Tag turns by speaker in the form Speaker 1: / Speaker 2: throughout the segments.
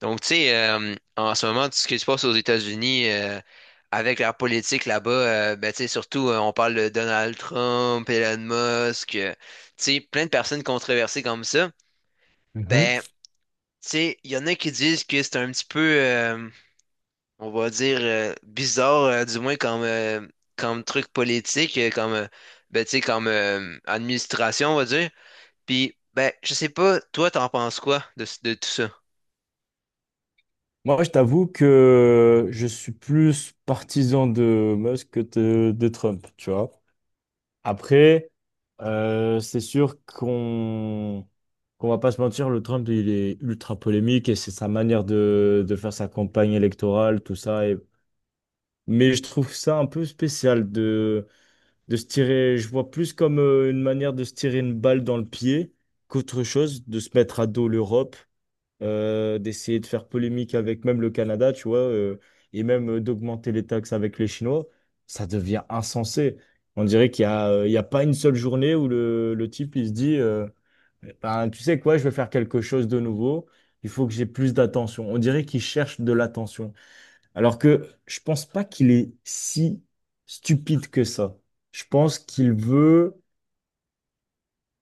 Speaker 1: Donc, tu sais, en ce moment, ce qui se passe aux États-Unis, avec leur politique là-bas, ben, tu sais, surtout, on parle de Donald Trump, Elon Musk, tu sais, plein de personnes controversées comme ça.
Speaker 2: Mhm.
Speaker 1: Ben, tu sais, il y en a qui disent que c'est un petit peu, on va dire, bizarre, du moins comme, comme truc politique, comme, ben, tu sais, comme administration, on va dire. Puis, ben, je sais pas, toi, t'en penses quoi de tout ça?
Speaker 2: Moi, je t'avoue que je suis plus partisan de Musk que de Trump, tu vois. Après, c'est sûr qu'on va pas se mentir, le Trump, il est ultra polémique et c'est sa manière de faire sa campagne électorale, tout ça. Mais je trouve ça un peu spécial de se tirer, je vois plus comme une manière de se tirer une balle dans le pied qu'autre chose, de se mettre à dos l'Europe, d'essayer de faire polémique avec même le Canada, tu vois, et même d'augmenter les taxes avec les Chinois, ça devient insensé. On dirait qu'il y a, il y a pas une seule journée où le type, il se dit, ben, tu sais quoi, je vais faire quelque chose de nouveau, il faut que j'ai plus d'attention. On dirait qu'il cherche de l'attention. Alors que je pense pas qu'il est si stupide que ça. Je pense qu'il veut,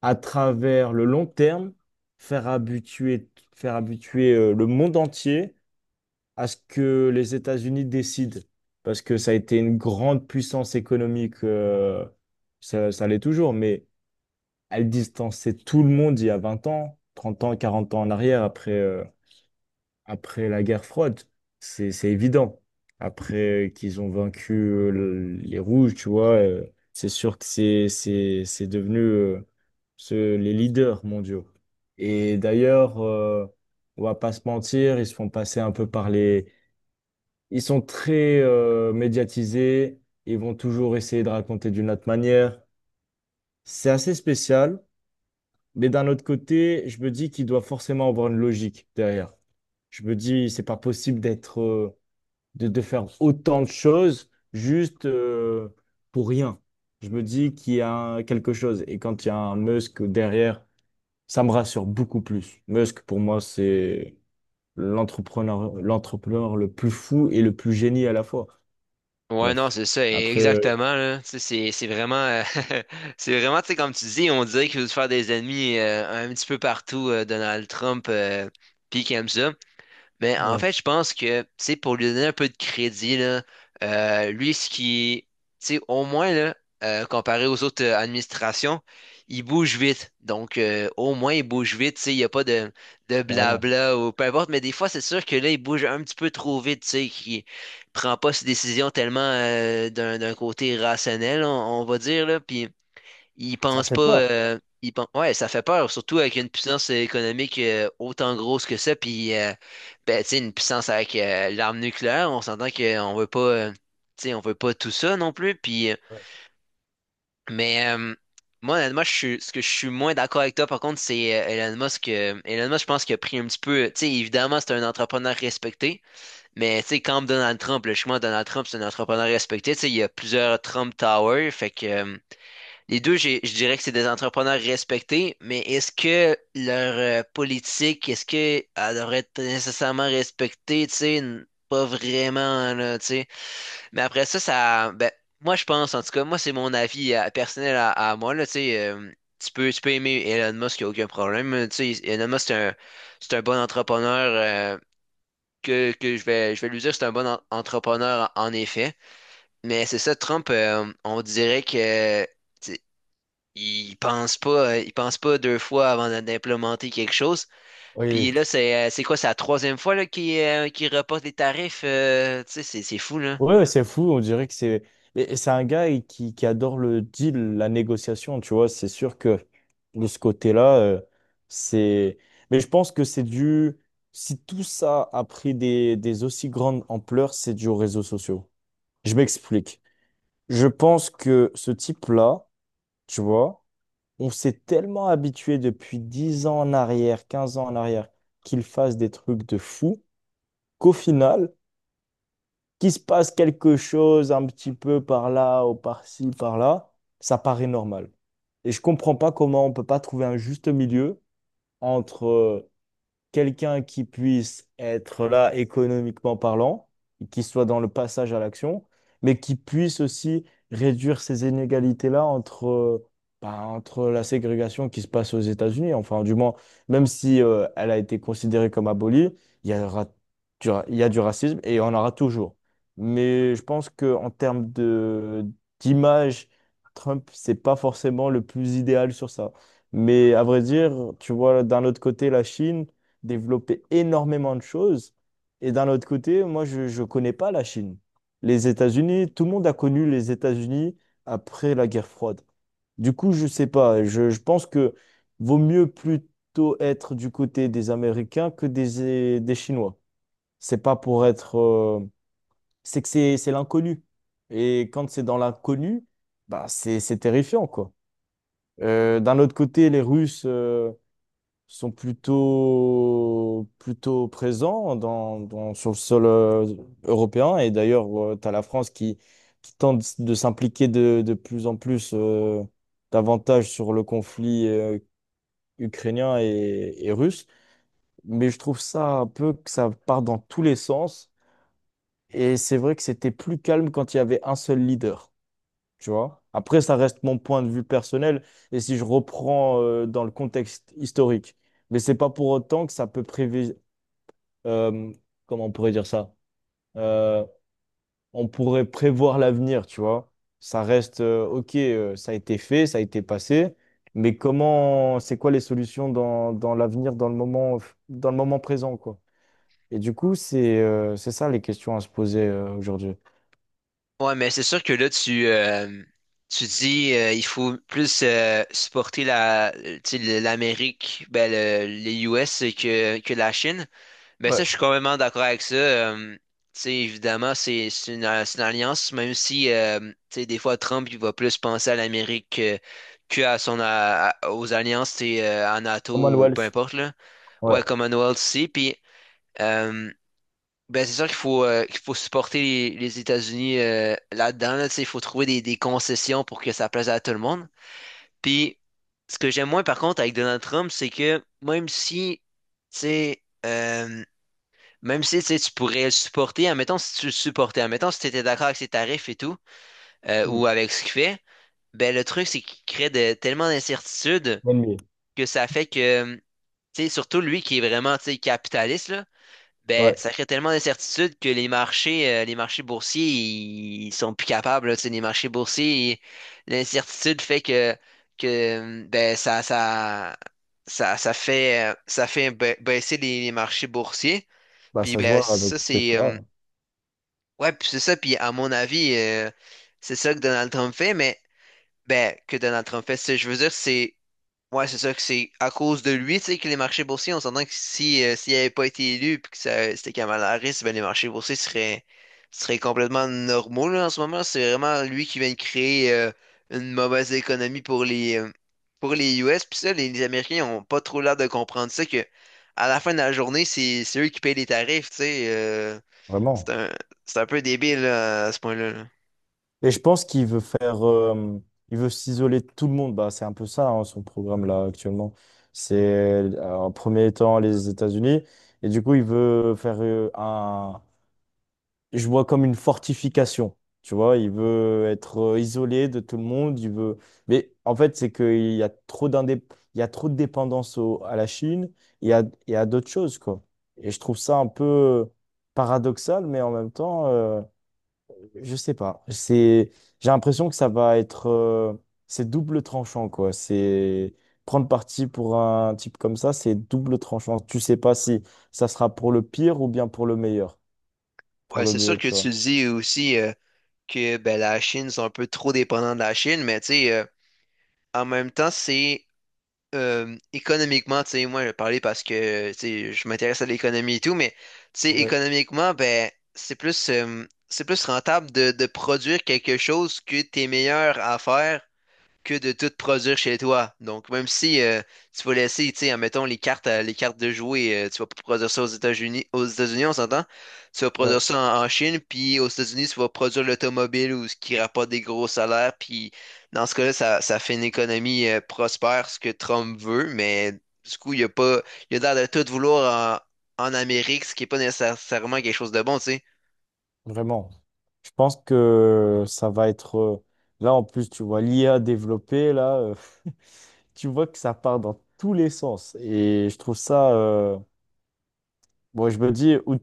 Speaker 2: à travers le long terme, faire habituer, faire habituer le monde entier à ce que les États-Unis décident, parce que ça a été une grande puissance économique, ça l'est toujours, mais elle distançait tout le monde il y a 20 ans, 30 ans, 40 ans en arrière, après, après la guerre froide. C'est évident. Après qu'ils ont vaincu les Rouges, tu vois, c'est sûr que c'est devenu les leaders mondiaux. Et d'ailleurs, on va pas se mentir, ils se font passer un peu par les ils sont très médiatisés, ils vont toujours essayer de raconter d'une autre manière. C'est assez spécial, mais d'un autre côté, je me dis qu'il doit forcément avoir une logique derrière. Je me dis, c'est pas possible d'être, de faire autant de choses juste pour rien. Je me dis qu'il y a quelque chose. Et quand il y a un Musk derrière, ça me rassure beaucoup plus. Musk, pour moi, c'est l'entrepreneur, l'entrepreneur le plus fou et le plus génie à la fois.
Speaker 1: Ouais, non,
Speaker 2: Bref.
Speaker 1: c'est ça,
Speaker 2: Après,
Speaker 1: exactement, là. Tu sais, c'est vraiment, c'est vraiment, tu sais, comme tu dis, on dirait qu'il veut se faire des ennemis un petit peu partout, Donald Trump, puis qu'il aime ça, mais en
Speaker 2: ouais,
Speaker 1: fait, je pense que, tu sais, pour lui donner un peu de crédit, là, lui, ce qui, tu sais, au moins, là, comparé aux autres administrations, il bouge vite. Donc, au moins, il bouge vite, tu sais, il n'y a pas de
Speaker 2: carrément.
Speaker 1: blabla ou peu importe. Mais des fois, c'est sûr que là, il bouge un petit peu trop vite, tu sais, qu'il prend pas ses décisions tellement d'un côté rationnel, on va dire, là. Puis, ils
Speaker 2: Ça
Speaker 1: pensent
Speaker 2: fait
Speaker 1: pas.
Speaker 2: peur.
Speaker 1: Ouais, ça fait peur, surtout avec une puissance économique autant grosse que ça. Puis, ben, tu sais, une puissance avec l'arme nucléaire, on s'entend qu'on veut pas. Tu sais, on veut pas tout ça non plus. Puis, mais euh, moi, honnêtement, ce que je suis moins d'accord avec toi, par contre, c'est Elon Musk. Elon Musk, je pense qu'il a pris un petit peu. Tu sais, évidemment, c'est un entrepreneur respecté. Mais, tu sais, comme Donald Trump, logiquement, Donald Trump, c'est un entrepreneur respecté. Tu sais, il y a plusieurs Trump Tower. Fait que. Les deux, je dirais que c'est des entrepreneurs respectés, mais est-ce que leur politique, est-ce que elle devrait être nécessairement respectée, tu sais, pas vraiment, là, tu sais. Mais après ça, ça, ben, moi, je pense, en tout cas, moi, c'est mon avis personnel à moi, là, tu sais, tu peux aimer Elon Musk, il n'y a aucun problème, tu sais, Elon Musk, c'est un bon entrepreneur, que je vais lui dire, c'est un bon entrepreneur, en en effet. Mais c'est ça, Trump, on dirait que... Ils pensent pas, ils pensent pas deux fois avant d'implémenter quelque chose. Puis
Speaker 2: Oui.
Speaker 1: là, c'est c'est la troisième fois là, qu'ils reportent les tarifs. Tu sais, c'est fou, là.
Speaker 2: Ouais, ouais, c'est fou. On dirait que c'est. Et c'est un gars qui adore le deal, la négociation, tu vois. C'est sûr que de ce côté-là, c'est. Mais je pense que c'est dû. Si tout ça a pris des aussi grandes ampleurs, c'est dû aux réseaux sociaux. Je m'explique. Je pense que ce type-là, tu vois, on s'est tellement habitué depuis 10 ans en arrière, 15 ans en arrière, qu'il fasse des trucs de fou qu'au final, qu'il se passe quelque chose un petit peu par là ou par-ci, par-là, ça paraît normal. Et je comprends pas comment on peut pas trouver un juste milieu entre quelqu'un qui puisse être là économiquement parlant, qui soit dans le passage à l'action, mais qui puisse aussi réduire ces inégalités-là entre, bah, entre la ségrégation qui se passe aux États-Unis. Enfin, du moins, même si elle a été considérée comme abolie, il y aura il y a du racisme et il y en aura toujours. Mais je pense qu'en termes d'image, Trump, c'est pas forcément le plus idéal sur ça. Mais à vrai dire, tu vois, d'un autre côté, la Chine, développer énormément de choses. Et d'un autre côté, moi, je ne connais pas la Chine. Les États-Unis, tout le monde a connu les États-Unis après la guerre froide. Du coup, je ne sais pas. Je pense que vaut mieux plutôt être du côté des Américains que des Chinois. C'est pas pour être. C'est que c'est l'inconnu. Et quand c'est dans l'inconnu, bah c'est terrifiant, quoi. D'un autre côté, les Russes. Sont plutôt présents sur le sol européen. Et d'ailleurs, tu as la France qui tente de s'impliquer de plus en plus davantage sur le conflit ukrainien et russe. Mais je trouve ça un peu que ça part dans tous les sens. Et c'est vrai que c'était plus calme quand il y avait un seul leader. Tu vois? Après, ça reste mon point de vue personnel. Et si je reprends dans le contexte historique. Mais c'est pas pour autant que ça peut euh, comment on pourrait dire ça? Euh, on pourrait prévoir l'avenir, tu vois. Ça reste, ok, ça a été fait, ça a été passé, mais comment, c'est quoi les solutions dans, dans l'avenir, dans le moment présent, quoi. Et du coup, c'est ça les questions à se poser aujourd'hui.
Speaker 1: Ouais, mais c'est sûr que là, tu dis il faut plus supporter la, tu sais, l'Amérique, ben, les US que la Chine. Ben ça,
Speaker 2: Ouais.
Speaker 1: je suis complètement d'accord avec ça. Tu sais, évidemment, c'est une alliance, même si tu sais, des fois Trump il va plus penser à l'Amérique que à son aux alliances, tu sais, à NATO ou peu
Speaker 2: Commonwealth,
Speaker 1: importe là.
Speaker 2: ouais.
Speaker 1: Ouais, Commonwealth aussi. Puis euh, ben c'est sûr qu'il faut supporter les États-Unis là-dedans. Là, tu sais, il faut trouver des concessions pour que ça plaise à tout le monde. Puis ce que j'aime moins par contre avec Donald Trump, c'est que même si tu sais même si tu sais, tu pourrais le supporter, admettons si tu le supportais, admettons si tu étais d'accord avec ses tarifs et tout,
Speaker 2: Mm.
Speaker 1: ou avec ce qu'il fait, ben le truc c'est qu'il crée tellement d'incertitudes
Speaker 2: NBA,
Speaker 1: que ça fait que, tu sais, surtout lui qui est vraiment, tu sais, capitaliste, là, ben
Speaker 2: ouais,
Speaker 1: ça crée tellement d'incertitudes que les marchés boursiers, ils sont plus capables, là, tu sais, les marchés boursiers, l'incertitude fait que, ben ça, ça fait baisser les marchés boursiers.
Speaker 2: bah
Speaker 1: Puis
Speaker 2: ça se
Speaker 1: ben
Speaker 2: voit avec
Speaker 1: ça c'est
Speaker 2: Tesla,
Speaker 1: Ouais, puis c'est ça, puis à mon avis, c'est ça que Donald Trump fait, mais ben, que Donald Trump fait, je veux dire, c'est ouais, c'est ça que c'est à cause de lui, tu sais, que les marchés boursiers, on s'entend que si s'il n'avait pas été élu puis que ça, c'était Kamala Harris, ben les marchés boursiers seraient seraient complètement normaux là, en ce moment. C'est vraiment lui qui vient de créer une mauvaise économie pour les US, puis ça, les Américains ont pas trop l'air de comprendre ça que à la fin de la journée, c'est eux qui payent les tarifs, tu sais. C'est
Speaker 2: vraiment.
Speaker 1: un, c'est un peu débile là, à ce point-là. Là.
Speaker 2: Et je pense qu'il veut faire, il veut s'isoler de tout le monde. Bah, c'est un peu ça, hein, son programme là actuellement. C'est en premier temps les États-Unis. Et du coup, il veut faire je vois comme une fortification. Tu vois, il veut être isolé de tout le monde. Il veut, mais en fait, c'est qu'il y a il y a trop de dépendance à la Chine et à d'autres choses, quoi. Et je trouve ça un peu paradoxal, mais en même temps. Je sais pas. J'ai l'impression que ça va être, c'est double tranchant quoi. C'est prendre parti pour un type comme ça, c'est double tranchant. Tu sais pas si ça sera pour le pire ou bien pour le meilleur. Pour
Speaker 1: Ouais,
Speaker 2: le
Speaker 1: c'est sûr
Speaker 2: mieux,
Speaker 1: que
Speaker 2: tu
Speaker 1: tu
Speaker 2: vois.
Speaker 1: dis aussi que ben, la Chine sont un peu trop dépendants de la Chine, mais tu sais, en même temps, c'est économiquement, tu sais, moi je vais parler parce que tu sais, je m'intéresse à l'économie et tout, mais tu sais,
Speaker 2: Ouais,
Speaker 1: économiquement, ben, c'est plus rentable de produire quelque chose que t'es meilleur à faire que de tout produire chez toi. Donc, même si tu vas laisser, tu sais, admettons, les cartes de jouer, tu vas pas produire ça aux États-Unis, on s'entend? Tu vas
Speaker 2: ouais,
Speaker 1: produire ça en Chine, puis aux États-Unis, tu vas produire l'automobile ou ce qui rapporte des gros salaires, puis dans ce cas-là, ça fait une économie prospère, ce que Trump veut, mais du coup, il y a pas, il a l'air de tout vouloir en Amérique, ce qui est pas nécessairement quelque chose de bon, tu sais.
Speaker 2: vraiment. Je pense que ça va être, là en plus, tu vois, l'IA développée là, tu vois que ça part dans tous les sens et je trouve ça. Bon, je me dis, où-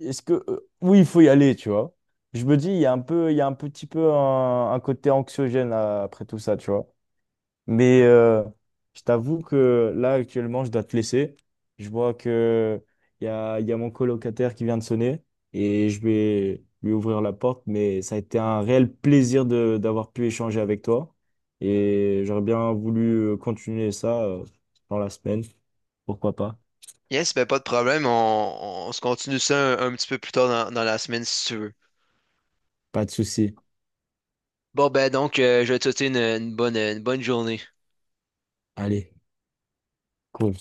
Speaker 2: est-ce que, euh, oui, il faut y aller, tu vois. Je me dis, il y a un petit peu un côté anxiogène là, après tout ça, tu vois. Mais je t'avoue que là, actuellement, je dois te laisser. Je vois que il y a mon colocataire qui vient de sonner et je vais lui ouvrir la porte. Mais ça a été un réel plaisir d'avoir pu échanger avec toi. Et j'aurais bien voulu continuer ça dans la semaine. Pourquoi pas?
Speaker 1: Yes, ben pas de problème, on se continue ça un petit peu plus tard dans dans la semaine si tu veux.
Speaker 2: Pas de souci.
Speaker 1: Bon, ben donc, je vais te souhaiter une bonne journée.
Speaker 2: Allez, cool.